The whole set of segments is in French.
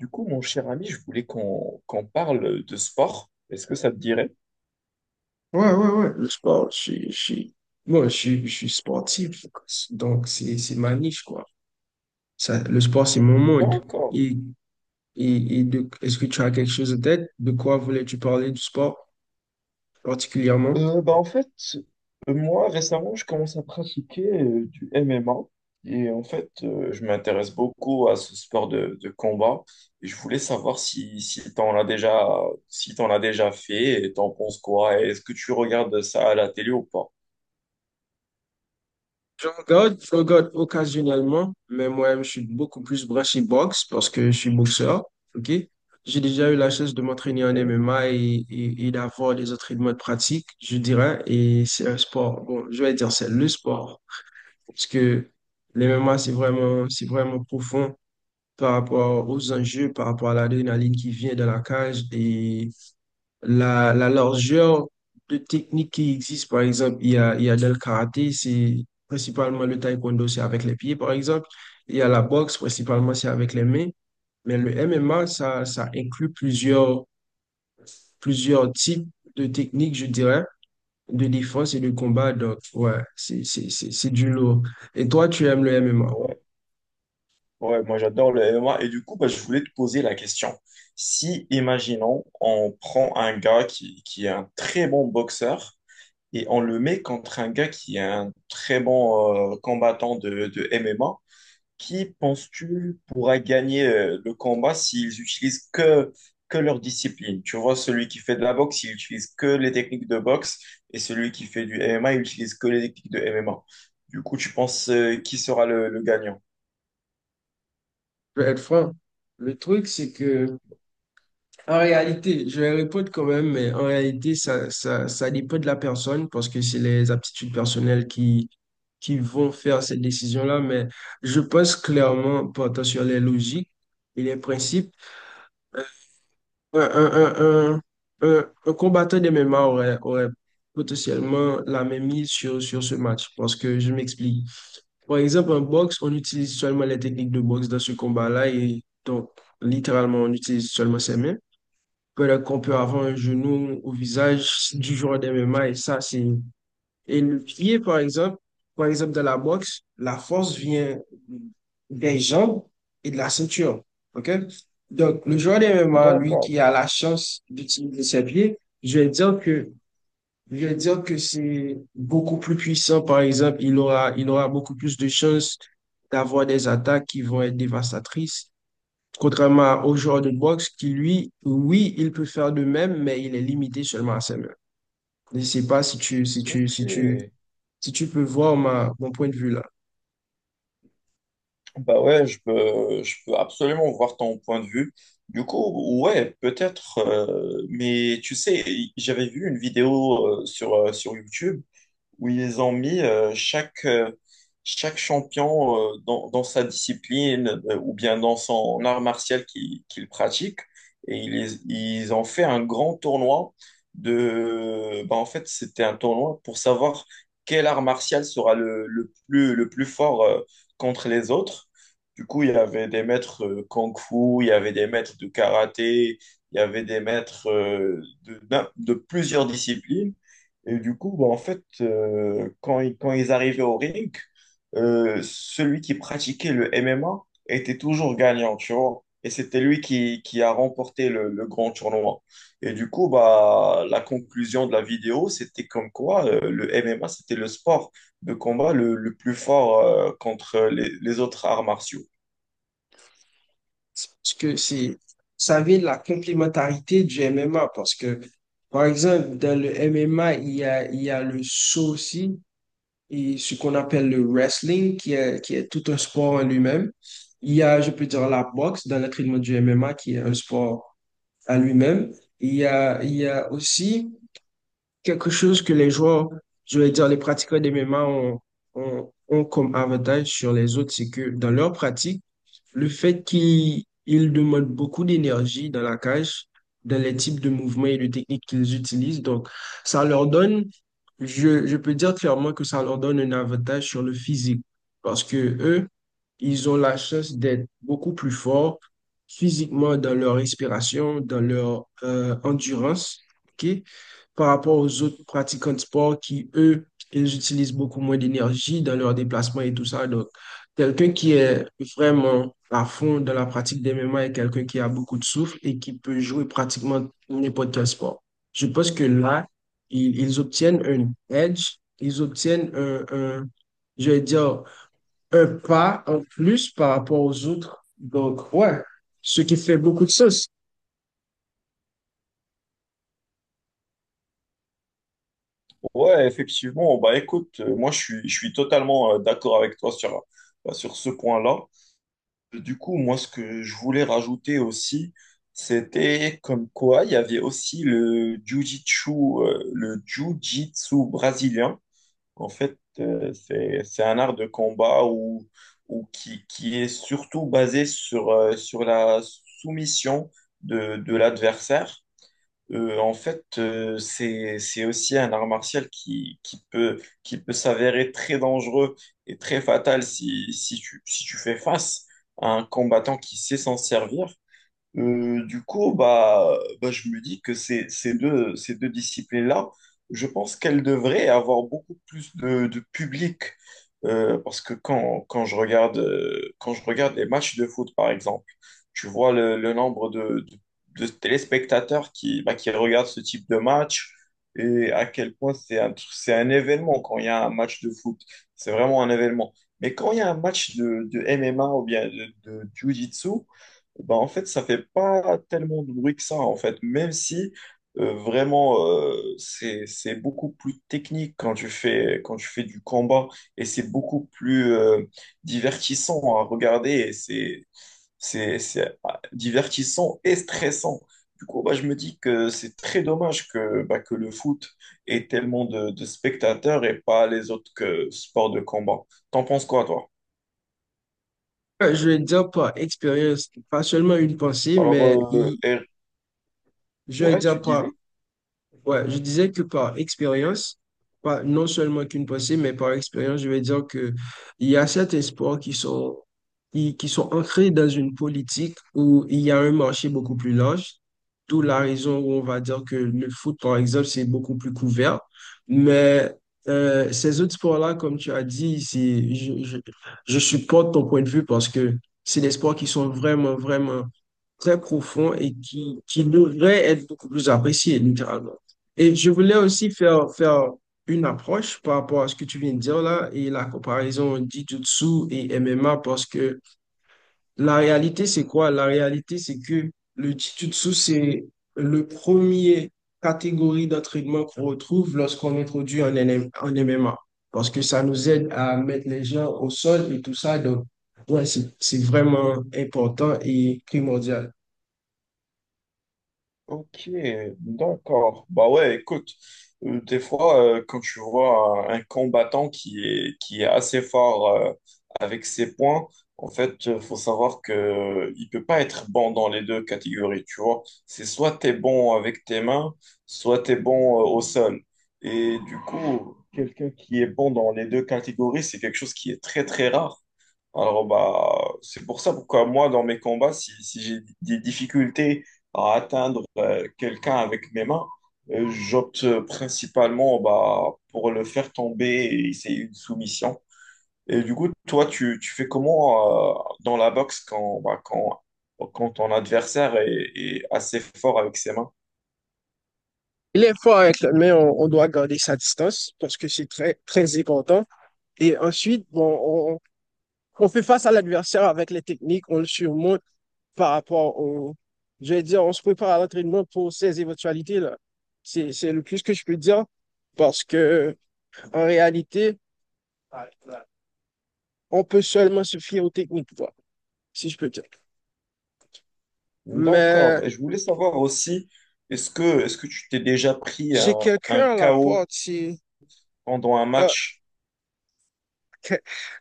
Du coup, mon cher ami, je voulais qu'on parle de sport. Est-ce que ça te dirait? Ouais, ouais, ouais, le sport, moi, je suis sportif, donc c'est ma niche, quoi. Ça, le sport, c'est mon monde. D'accord. Et, Est-ce que tu as quelque chose en tête? De quoi voulais-tu parler du sport particulièrement? En fait, moi, récemment, je commence à pratiquer du MMA. Et en fait, je m'intéresse beaucoup à ce sport de combat. Et je voulais savoir si t'en as déjà fait et t'en penses quoi? Est-ce que tu regardes ça à la télé ou pas? Je regarde occasionnellement, mais moi-même, je suis beaucoup plus branché boxe parce que je suis boxeur, ok? J'ai déjà eu la chance de m'entraîner en Ok. MMA et d'avoir des entraînements de pratique, je dirais, et c'est un sport, bon, je vais dire c'est le sport. Parce que l'MMA, c'est vraiment profond par rapport aux enjeux, par rapport à l'adrénaline qui vient dans la cage et la largeur de techniques qui existe. Par exemple, il y a dans le karaté, c'est principalement le taekwondo, c'est avec les pieds, par exemple. Il y a la boxe, principalement, c'est avec les mains. Mais le MMA, ça inclut plusieurs types de techniques, je dirais, de défense et de combat. Donc, ouais, c'est du lourd. Et toi, tu aimes le MMA? Ouais. Ouais, moi j'adore le MMA. Et du coup, bah, je voulais te poser la question. Si, imaginons, on prend un gars qui est un très bon boxeur et on le met contre un gars qui est un très bon combattant de MMA, qui penses-tu pourra gagner le combat s'ils utilisent que leur discipline? Tu vois, celui qui fait de la boxe, il utilise que les techniques de boxe et celui qui fait du MMA, il utilise que les techniques de MMA. Du coup, tu penses qui sera le gagnant? Je vais être franc. Le truc, c'est que, en réalité, je vais répondre quand même, mais en réalité, ça dépend de la personne parce que c'est les aptitudes personnelles qui vont faire cette décision-là. Mais je pense clairement, portant sur les logiques et les principes, ouais, un, un, un combattant de MMA aurait potentiellement la même mise sur ce match. Parce que je m'explique. Par exemple, en boxe, on utilise seulement les techniques de boxe dans ce combat-là. Et donc, littéralement, on utilise seulement ses mains. Peut-être qu'on peut avoir un genou au visage du joueur de MMA. Et ça, c'est. Et le pied, par exemple, dans la boxe, la force vient des jambes et de la ceinture. OK? Donc, le joueur de MMA, lui, qui D'accord. a la chance d'utiliser ses pieds, je vais dire que c'est beaucoup plus puissant, par exemple. Il aura beaucoup plus de chances d'avoir des attaques qui vont être dévastatrices. Contrairement au joueur de boxe qui, lui, oui, il peut faire de même, mais il est limité seulement à ses mains. Je ne sais pas Ok, si tu peux voir mon point de vue là. bah ouais, je peux absolument voir ton point de vue. Du coup, ouais, peut-être, mais tu sais, j'avais vu une vidéo sur, sur YouTube où ils ont mis chaque champion dans, dans sa discipline ou bien dans son art martial qu'il pratique. Et ils ont fait un grand tournoi de... Bah, en fait, c'était un tournoi pour savoir quel art martial sera le plus fort contre les autres. Du coup, il y avait des maîtres kung-fu, il y avait des maîtres de karaté, il y avait des maîtres de plusieurs disciplines. Et du coup, bah, en fait, quand ils arrivaient au ring, celui qui pratiquait le MMA était toujours gagnant, tu vois. Et c'était lui qui a remporté le grand tournoi. Et du coup, bah, la conclusion de la vidéo, c'était comme quoi le MMA, c'était le sport de combat le plus fort contre les autres arts martiaux. Parce que ça vient de la complémentarité du MMA. Parce que, par exemple, dans le MMA, il y a le saut aussi, et ce qu'on appelle le wrestling, qui est tout un sport en lui-même. Il y a, je peux dire, la boxe dans l'entraînement du MMA, qui est un sport à lui-même. Il y a aussi quelque chose que les joueurs, je vais dire les pratiquants des MMA ont comme avantage sur les autres, c'est que dans leur pratique, le fait qu'ils ils demandent beaucoup d'énergie dans la cage, dans les types de mouvements et de techniques qu'ils utilisent, donc ça leur donne, je peux dire clairement que ça leur donne un avantage sur le physique. Parce que eux, ils ont la chance d'être beaucoup plus forts physiquement dans leur respiration, dans leur endurance, ok, par rapport aux autres pratiquants de sport qui, eux, ils utilisent beaucoup moins d'énergie dans leurs déplacements et tout ça. Donc, quelqu'un qui est vraiment à fond dans la pratique des MMA est quelqu'un qui a beaucoup de souffle et qui peut jouer pratiquement n'importe quel sport. Je pense que là, ils obtiennent un edge, ils obtiennent je vais dire, un pas en plus par rapport aux autres. Donc, ouais, ce qui fait beaucoup de sens. Ouais, effectivement, bah écoute, je suis totalement d'accord avec toi sur ce point-là. Du coup, moi, ce que je voulais rajouter aussi, c'était comme quoi il y avait aussi le jiu-jitsu brésilien. En fait, c'est un art de combat ou qui est surtout basé sur la soumission de l'adversaire. En fait, c'est aussi un art martial qui peut s'avérer très dangereux et très fatal si tu fais face à un combattant qui sait s'en servir. Du coup, bah, je me dis que ces deux disciplines-là, je pense qu'elles devraient avoir beaucoup plus de public. Parce que quand je regarde les matchs de foot, par exemple, tu vois le nombre de téléspectateurs qui, bah, qui regardent ce type de match et à quel point c'est c'est un événement quand il y a un match de foot. C'est vraiment un événement. Mais quand il y a un match de MMA ou bien de Jiu-Jitsu, bah, en fait, ça fait pas tellement de bruit que ça, en fait, même si vraiment c'est beaucoup plus technique quand tu fais du combat et c'est beaucoup plus divertissant à regarder et c'est divertissant et stressant. Du coup, bah, je me dis que c'est très dommage que que le foot ait tellement de spectateurs et pas les autres que sports de combat. T'en penses quoi, toi? Je vais dire par expérience, pas seulement une pensée, mais Alors, euh, il- et- je vais ouais, dire tu par disais? ouais, je disais que par expérience, pas non seulement qu'une pensée, mais par expérience, je vais dire que il y a certains sports qui sont, qui sont ancrés dans une politique où il y a un marché beaucoup plus large. D'où la raison où on va dire que le foot, par exemple, c'est beaucoup plus couvert. Mais ces autres sports-là, comme tu as dit, je supporte ton point de vue parce que c'est des sports qui sont vraiment, vraiment très profonds et qui devraient être beaucoup plus appréciés, littéralement. Et je voulais aussi faire une approche par rapport à ce que tu viens de dire là et la comparaison Jiu-Jitsu et MMA parce que la réalité, c'est quoi? La réalité, c'est que le Jiu-Jitsu, c'est le premier catégorie d'entraînement qu'on retrouve lorsqu'on introduit un NM un MMA parce que ça nous aide à mettre les gens au sol et tout ça. Donc, ouais, c'est vraiment important et primordial. Ok, d'accord. Bah ouais, écoute, des fois, quand tu vois un combattant qui est assez fort avec ses points, en fait, faut savoir que il peut pas être bon dans les deux catégories, tu vois. C'est soit t'es bon avec tes mains, soit t'es bon au sol. Et du coup, quelqu'un qui est bon dans les deux catégories, c'est quelque chose qui est très, très rare. Alors, bah, c'est pour ça pourquoi moi, dans mes combats, si j'ai des difficultés à atteindre quelqu'un avec mes mains, j'opte principalement bah, pour le faire tomber et c'est une soumission. Et du coup, toi, tu fais comment dans la boxe quand ton adversaire est assez fort avec ses mains? Il est fort avec le- mais on doit garder sa distance parce que c'est très, très important. Et ensuite, bon, on fait face à l'adversaire avec les techniques, on le surmonte par rapport au. Je vais dire, on se prépare à l'entraînement pour ces éventualités-là. C'est le plus que je peux dire parce que, en réalité, on peut seulement se fier aux techniques, quoi, si je peux dire. Mais D'accord. Et je voulais savoir aussi, est-ce que tu t'es déjà pris j'ai un quelqu'un à la KO porte, c'est. pendant un euh, match?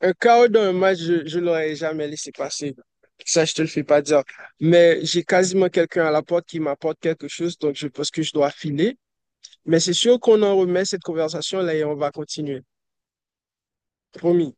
Un chaos dans un match, je ne l'aurais jamais laissé passer. Ça, je te le fais pas dire. Mais j'ai quasiment quelqu'un à la porte qui m'apporte quelque chose, donc je pense que je dois filer. Mais c'est sûr qu'on en remet cette conversation-là et on va continuer. Promis.